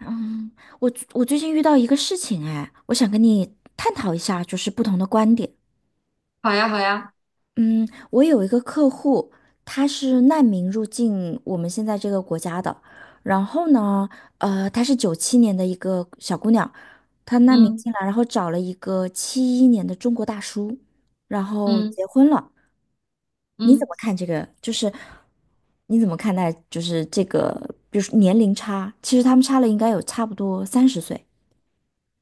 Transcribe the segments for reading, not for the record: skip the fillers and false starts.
嗯，我最近遇到一个事情，哎，我想跟你探讨一下，就是不同的观点。好呀，好呀，嗯，我有一个客户，他是难民入境我们现在这个国家的，然后呢，她是97年的一个小姑娘，她难民嗯进来，然后找了一个71年的中国大叔，然后嗯结婚了。你怎嗯，么看这个？就是你怎么看待就是这个，比如说年龄差，其实他们差了应该有差不多30岁。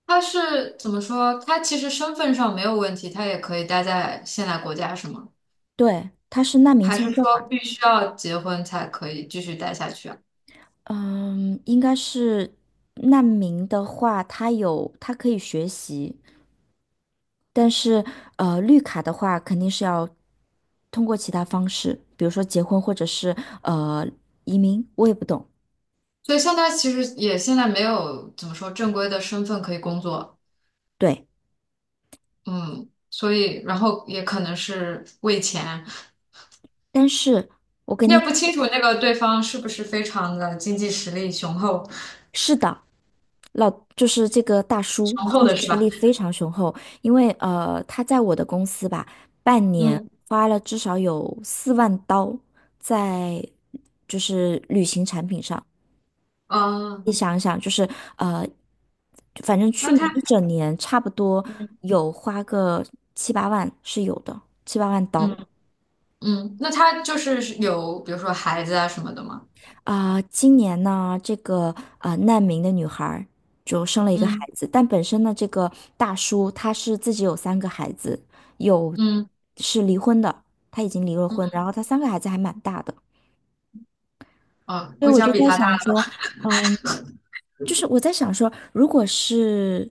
他是怎么说？他其实身份上没有问题，他也可以待在现在国家，是吗？对，他是难民还是签证说嘛，必须要结婚才可以继续待下去啊？嗯，应该是难民的话，他有他可以学习，但是绿卡的话肯定是要通过其他方式，比如说结婚或者是呃移民，我也不懂。所以像他其实也现在没有怎么说正规的身份可以工作，对，嗯，所以然后也可能是为钱，但是。我跟你也你。不清楚那个对方是不是非常的经济实力雄厚，是的，老就是这个大叔雄厚经的是济实吧？力非常雄厚，因为他在我的公司吧，半年嗯，花了至少有4万刀在就是旅行产品上。哦，你想一想，就是呃，反正去那年他，一整年差不多嗯有花个七八万是有的，七八万刀。嗯。嗯，那他就是有比如说孩子啊什么的吗？啊、今年呢，这个啊、难民的女孩儿就生了一个孩嗯子，但本身呢，这个大叔他是自己有三个孩子，有嗯是离婚的，他已经离了嗯，婚，然后他三个孩子还蛮大的，哦，所以估我计要就比在他大。想说，嗯。就是我在想说，如果是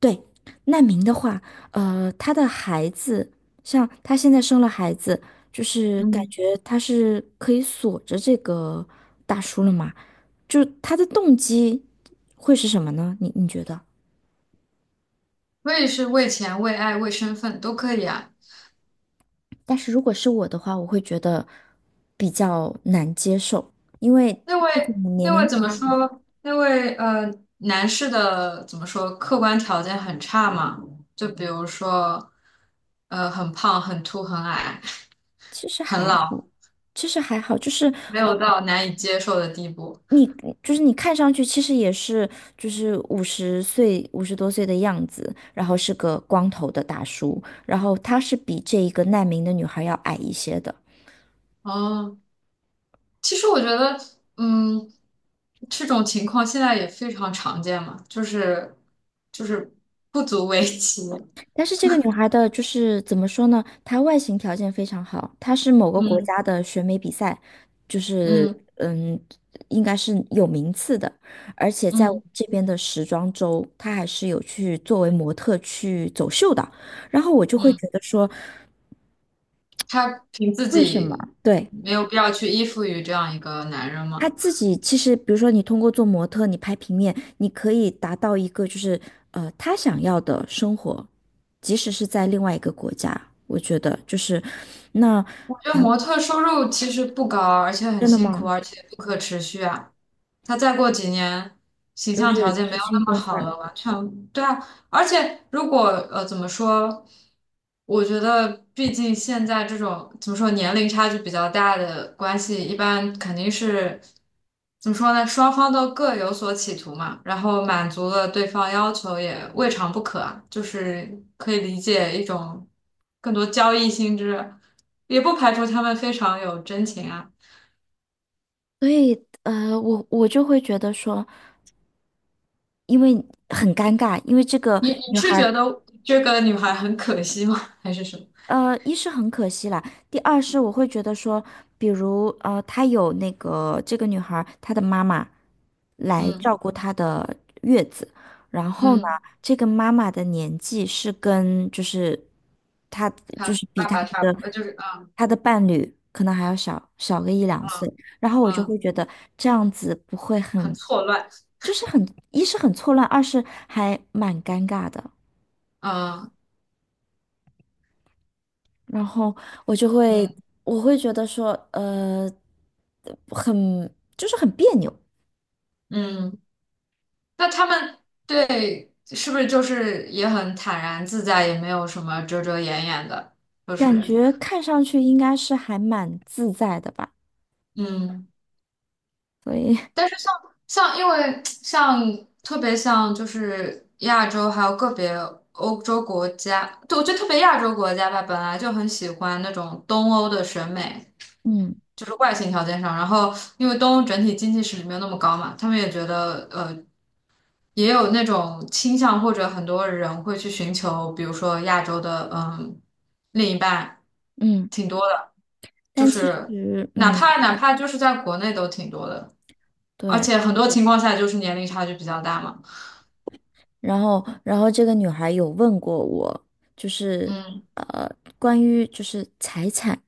对难民的话，他的孩子，像他现在生了孩子，就是感嗯，觉他是可以锁着这个大叔了嘛？就他的动机会是什么呢？你觉得？为是为钱、为爱、为身份都可以啊。但是如果是我的话，我会觉得比较难接受，因为那位这种年那龄位怎么说？那位男士的怎么说？客观条件很差嘛？就比如说很胖、很秃、很矮、其实 很还好，老，其实还好，就是没呃，有到难以接受的地步。你你看上去其实也是就是50岁50多岁的样子，然后是个光头的大叔，然后他是比这一个难民的女孩要矮一些的。哦。其实我觉得，嗯，这种情况现在也非常常见嘛，就是不足为奇。但是这个女孩的就是怎么说呢？她外形条件非常好，她是某个国嗯家的选美比赛，就是嗯嗯，应该是有名次的，而且在我嗯们这边的时装周，她还是有去作为模特去走秀的。然后我就嗯，会觉得说，他凭自为什么？己对。没有必要去依附于这样一个男人他嘛。自己其实，比如说你通过做模特，你拍平面，你可以达到一个就是他想要的生活，即使是在另外一个国家，我觉得就是那我觉得模特收入其实不高，而且很真的辛吗？苦，嗯而且不可持续啊。他再过几年，形就象条是件没有吃青那么春好饭。了，完全对啊。而且如果怎么说，我觉得毕竟现在这种怎么说年龄差距比较大的关系，一般肯定是怎么说呢？双方都各有所企图嘛，然后满足了对方要求也未尝不可啊，就是可以理解一种更多交易性质。也不排除他们非常有真情啊。所以我就会觉得说，因为很尴尬，因为这个你女孩是觉儿，得这个女孩很可惜吗？还是什么？一是很可惜啦，第二是我会觉得说，比如她有那个这个女孩儿她的妈妈。来照嗯顾她的月子。然后呢，嗯，这个妈妈的年纪是跟就是她就她是比爸她爸差不的呃就是嗯她的伴侣可能还要小小个一两嗯岁。然后我就会嗯，觉得这样子不会很很，错乱。就是很，一是很错乱，二是还蛮尴尬的。嗯然后我就会，嗯我会觉得说，很，就是很别扭，嗯，那他们对是不是就是也很坦然自在，也没有什么遮遮掩掩的，就感嗯是觉看上去应该是还蛮自在的吧，嗯。所以但是像因为像特别像就是亚洲还有个别欧洲国家，对，我觉得特别亚洲国家吧，本来就很喜欢那种东欧的审美，嗯就是外形条件上。然后因为东欧整体经济实力没有那么高嘛，他们也觉得也有那种倾向，或者很多人会去寻求，比如说亚洲的另一半，嗯，挺多的，就但其是实哪嗯怕哪怕就是在国内都挺多的。而对，且很多情况下就是年龄差距比较大嘛。然后这个女孩有问过我，就是嗯呃关于就是财产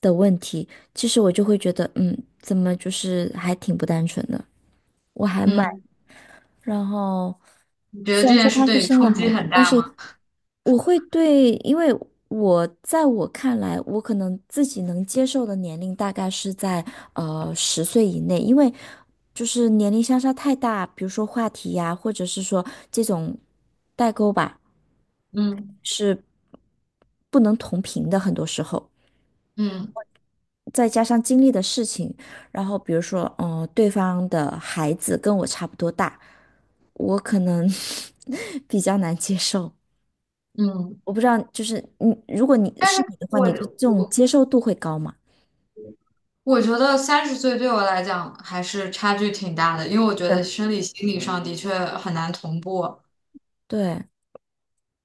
的问题，其实我就会觉得怎么就是还挺不单纯的，我还蛮嗯，然后你觉得虽这然说件事她是对你生了冲击孩很子，但大是吗？我会对，因为我在我看来，我可能自己能接受的年龄大概是在十岁以内，因为就是年龄相差太大，比如说话题呀，或者是说这种代沟吧，嗯是不能同频的，很多时候。嗯再加上经历的事情，然后比如说，对方的孩子跟我差不多大，我可能 比较难接受。嗯，我不知道，就是你，如果你但是是你的话，你对这种我接受度会高吗？我觉得30岁对我来讲还是差距挺大的，因为我觉得对，生理心理上的确很难同步。对，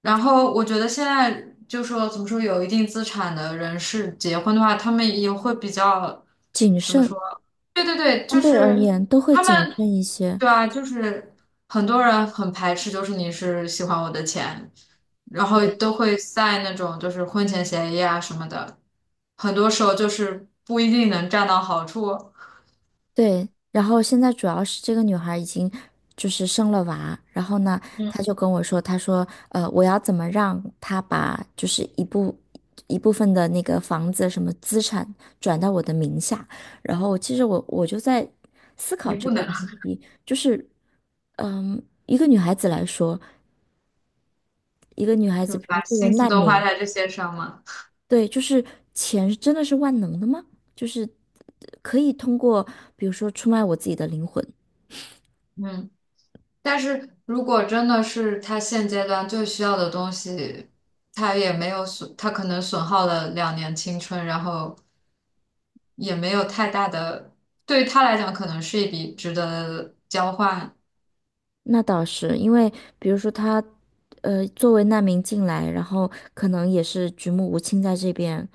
然后我觉得现在就说怎么说，有一定资产的人士结婚的话，他们也会比较谨怎么慎，相说？对对对，就对而是言都会他谨们，慎一些。对啊，就是很多人很排斥，就是你是喜欢我的钱，然后都会 那种就是婚前协议啊什么的，很多时候就是不一定能占到好处，对，然后现在主要是这个女孩已经就是生了娃，然后呢，她嗯，就跟我说，她说，我要怎么让她把就是一部分的那个房子什么资产转到我的名下。然后其实我就在思考你这不个能 问 题，就是，嗯，一个女孩子来说。一个女孩就子，是比如说把作为心思难都花民，在这些上嘛，对，就是钱真的是万能的吗？就是可以通过，比如说出卖我自己的灵魂，嗯。但是如果真的是他现阶段最需要的东西，他也没有损，他可能损耗了2年青春，然后也没有太大的，对于他来讲可能是一笔值得交换。那倒是因为，比如说她，作为难民进来，然后可能也是举目无亲在这边，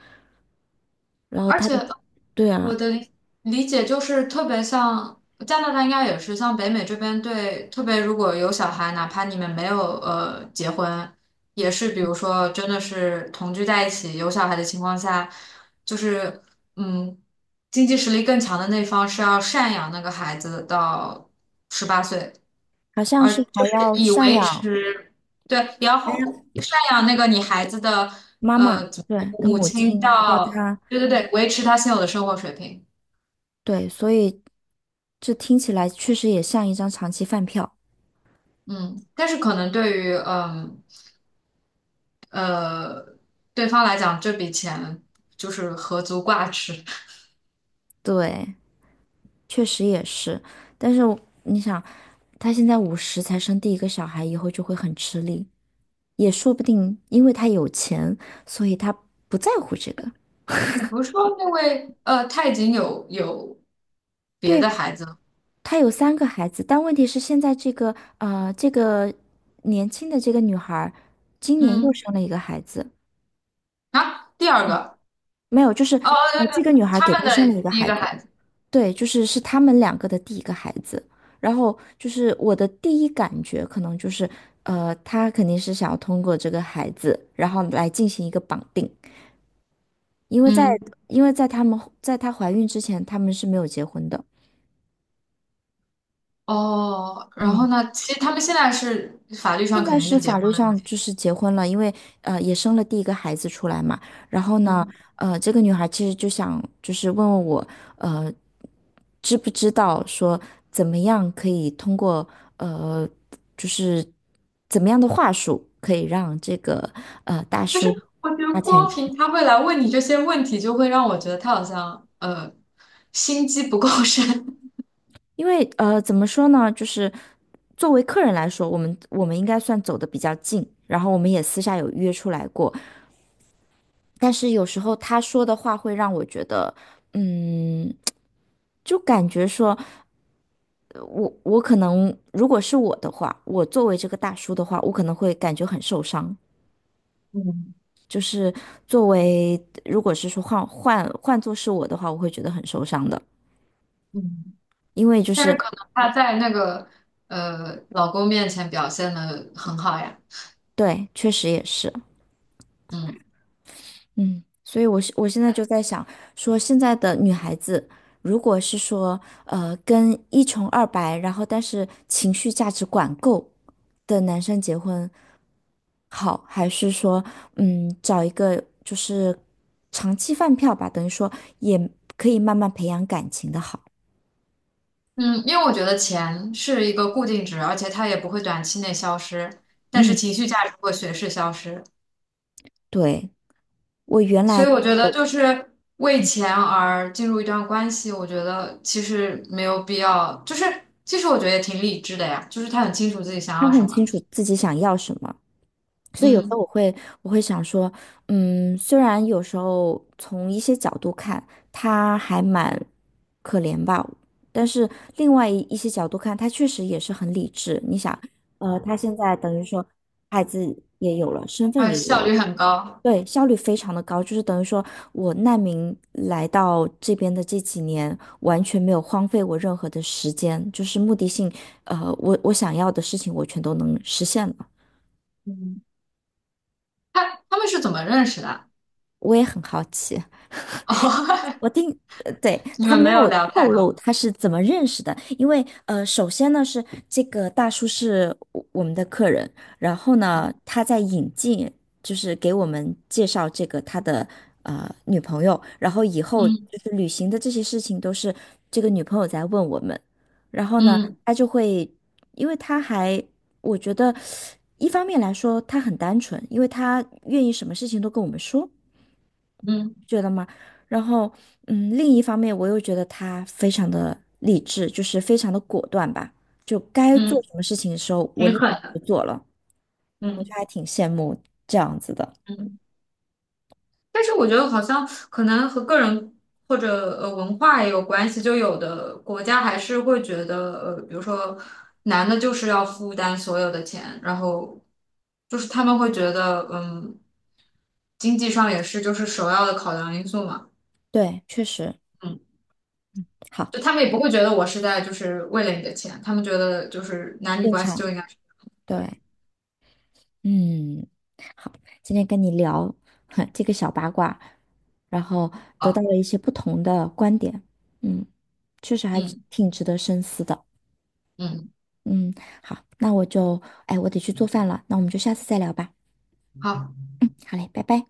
然后而他的，且对啊，我的理解就是特别像加拿大，应该也是像北美这边对，特别如果有小孩，哪怕你们没有结婚，也是比如说真的是同居在一起有小孩的情况下，就是嗯，经济实力更强的那方是要赡养那个孩子到18岁，好像而是就还是要以赡维养持对，然后赡养那个你孩子的妈妈，怎么对，说的母母亲亲，要到她，对对对维持他现有的生活水平。对，所以这听起来确实也像一张长期饭票，嗯，但是可能对于呃对方来讲，这笔钱就是何足挂齿。对。确实也是，但是我你想，他现在五十才生第一个小孩，以后就会很吃力，也说不定，因为他有钱，所以他不在乎这个。你不是说那位他已经有别的对，孩子了？他有三个孩子，但问题是现在这个这个年轻的这个女孩儿今年又嗯生了一个孩子，啊，第二嗯个没有，就是哦，对这个对，女孩他给们他生了一的个第一孩个子，孩子，对，是他们两个的第一个孩子，然后就是我的第一感觉可能就是，他肯定是想要通过这个孩子，然后来进行一个绑定，因为在嗯因为在他们在她怀孕之前，他们是没有结婚的，哦，然后嗯，呢，其实他们现在是法律现上在肯定是是结法婚律了，上就是结婚了，因为也生了第一个孩子出来嘛，然后呢，嗯，这个女孩其实就想就是问问我，呃。知不知道说怎么样可以通过呃，就是怎么样的话术可以让这个大但是叔我觉花得钱光给凭他？他会来问你这些问题，就会让我觉得他好像心机不够深，因为怎么说呢，就是作为客人来说，我们应该算走的比较近，然后我们也私下有约出来过，但是有时候他说的话会让我觉得，嗯，就感觉说我可能如果是我的话，我作为这个大叔的话，我可能会感觉很受伤。嗯就是作为，如果是说换做是我的话，我会觉得很受伤的，嗯。因为就但是是可能他在那个老公面前表现的很好呀，对，确实也是，嗯嗯，所以我现在就在想，说现在的女孩子，如果是说跟一穷二白，然后但是情绪价值管够的男生结婚好，还是说找一个就是长期饭票吧，等于说也可以慢慢培养感情的好，嗯，因为我觉得钱是一个固定值，而且它也不会短期内消失，但是嗯，情绪价值会随时消失，对。我原所来以我觉得就是为钱而进入一段关系，我觉得其实没有必要，就是其实我觉得也挺理智的呀，就是他很清楚自己想他要什很清么，楚自己想要什么，所以有时候嗯，我会想说，嗯，虽然有时候从一些角度看他还蛮可怜吧，但是另外一些角度看，他确实也是很理智。你想，他现在等于说孩子也有了，身份而且也有效了。率很高，对，效率非常的高，就是等于说我难民来到这边的这几年，完全没有荒废我任何的时间，就是目的性，我想要的事情我全都能实现了。嗯，他们是怎么认识的？我也很好奇。哦，我听，对，你他们没没有有聊太透多。露他是怎么认识的，因为首先呢是这个大叔是我们的客人，然后呢他在引进，就是给我们介绍这个他的女朋友，然后以后嗯。就是旅行的这些事情都是这个女朋友在问我们，然后呢嗯他就会，因为他还我觉得一方面来说他很单纯，因为他愿意什么事情都跟我们说。嗯觉得吗？然后，嗯，另一方面，我又觉得他非常的理智，就是非常的果断吧，就该做嗯，什么事情的时候，我挺立狠马我的，就做了，我就嗯还挺羡慕这样子的。嗯。但是我觉得好像可能和个人或者文化也有关系，就有的国家还是会觉得，比如说男的就是要负担所有的钱，然后就是他们会觉得经济上也是就是首要的考量因素嘛，对，确实嗯，好，就他们也不会觉得我是在就是为了你的钱，他们觉得就是男女正关系就常。应该是对，嗯，好，今天跟你聊 这个小八卦，然后得到好，了一些不同的观点，嗯，确实还嗯挺值得深思的。嗯，嗯，好，那我就，哎，我得去做饭了，那我们就下次再聊吧。好。好嘞，拜拜。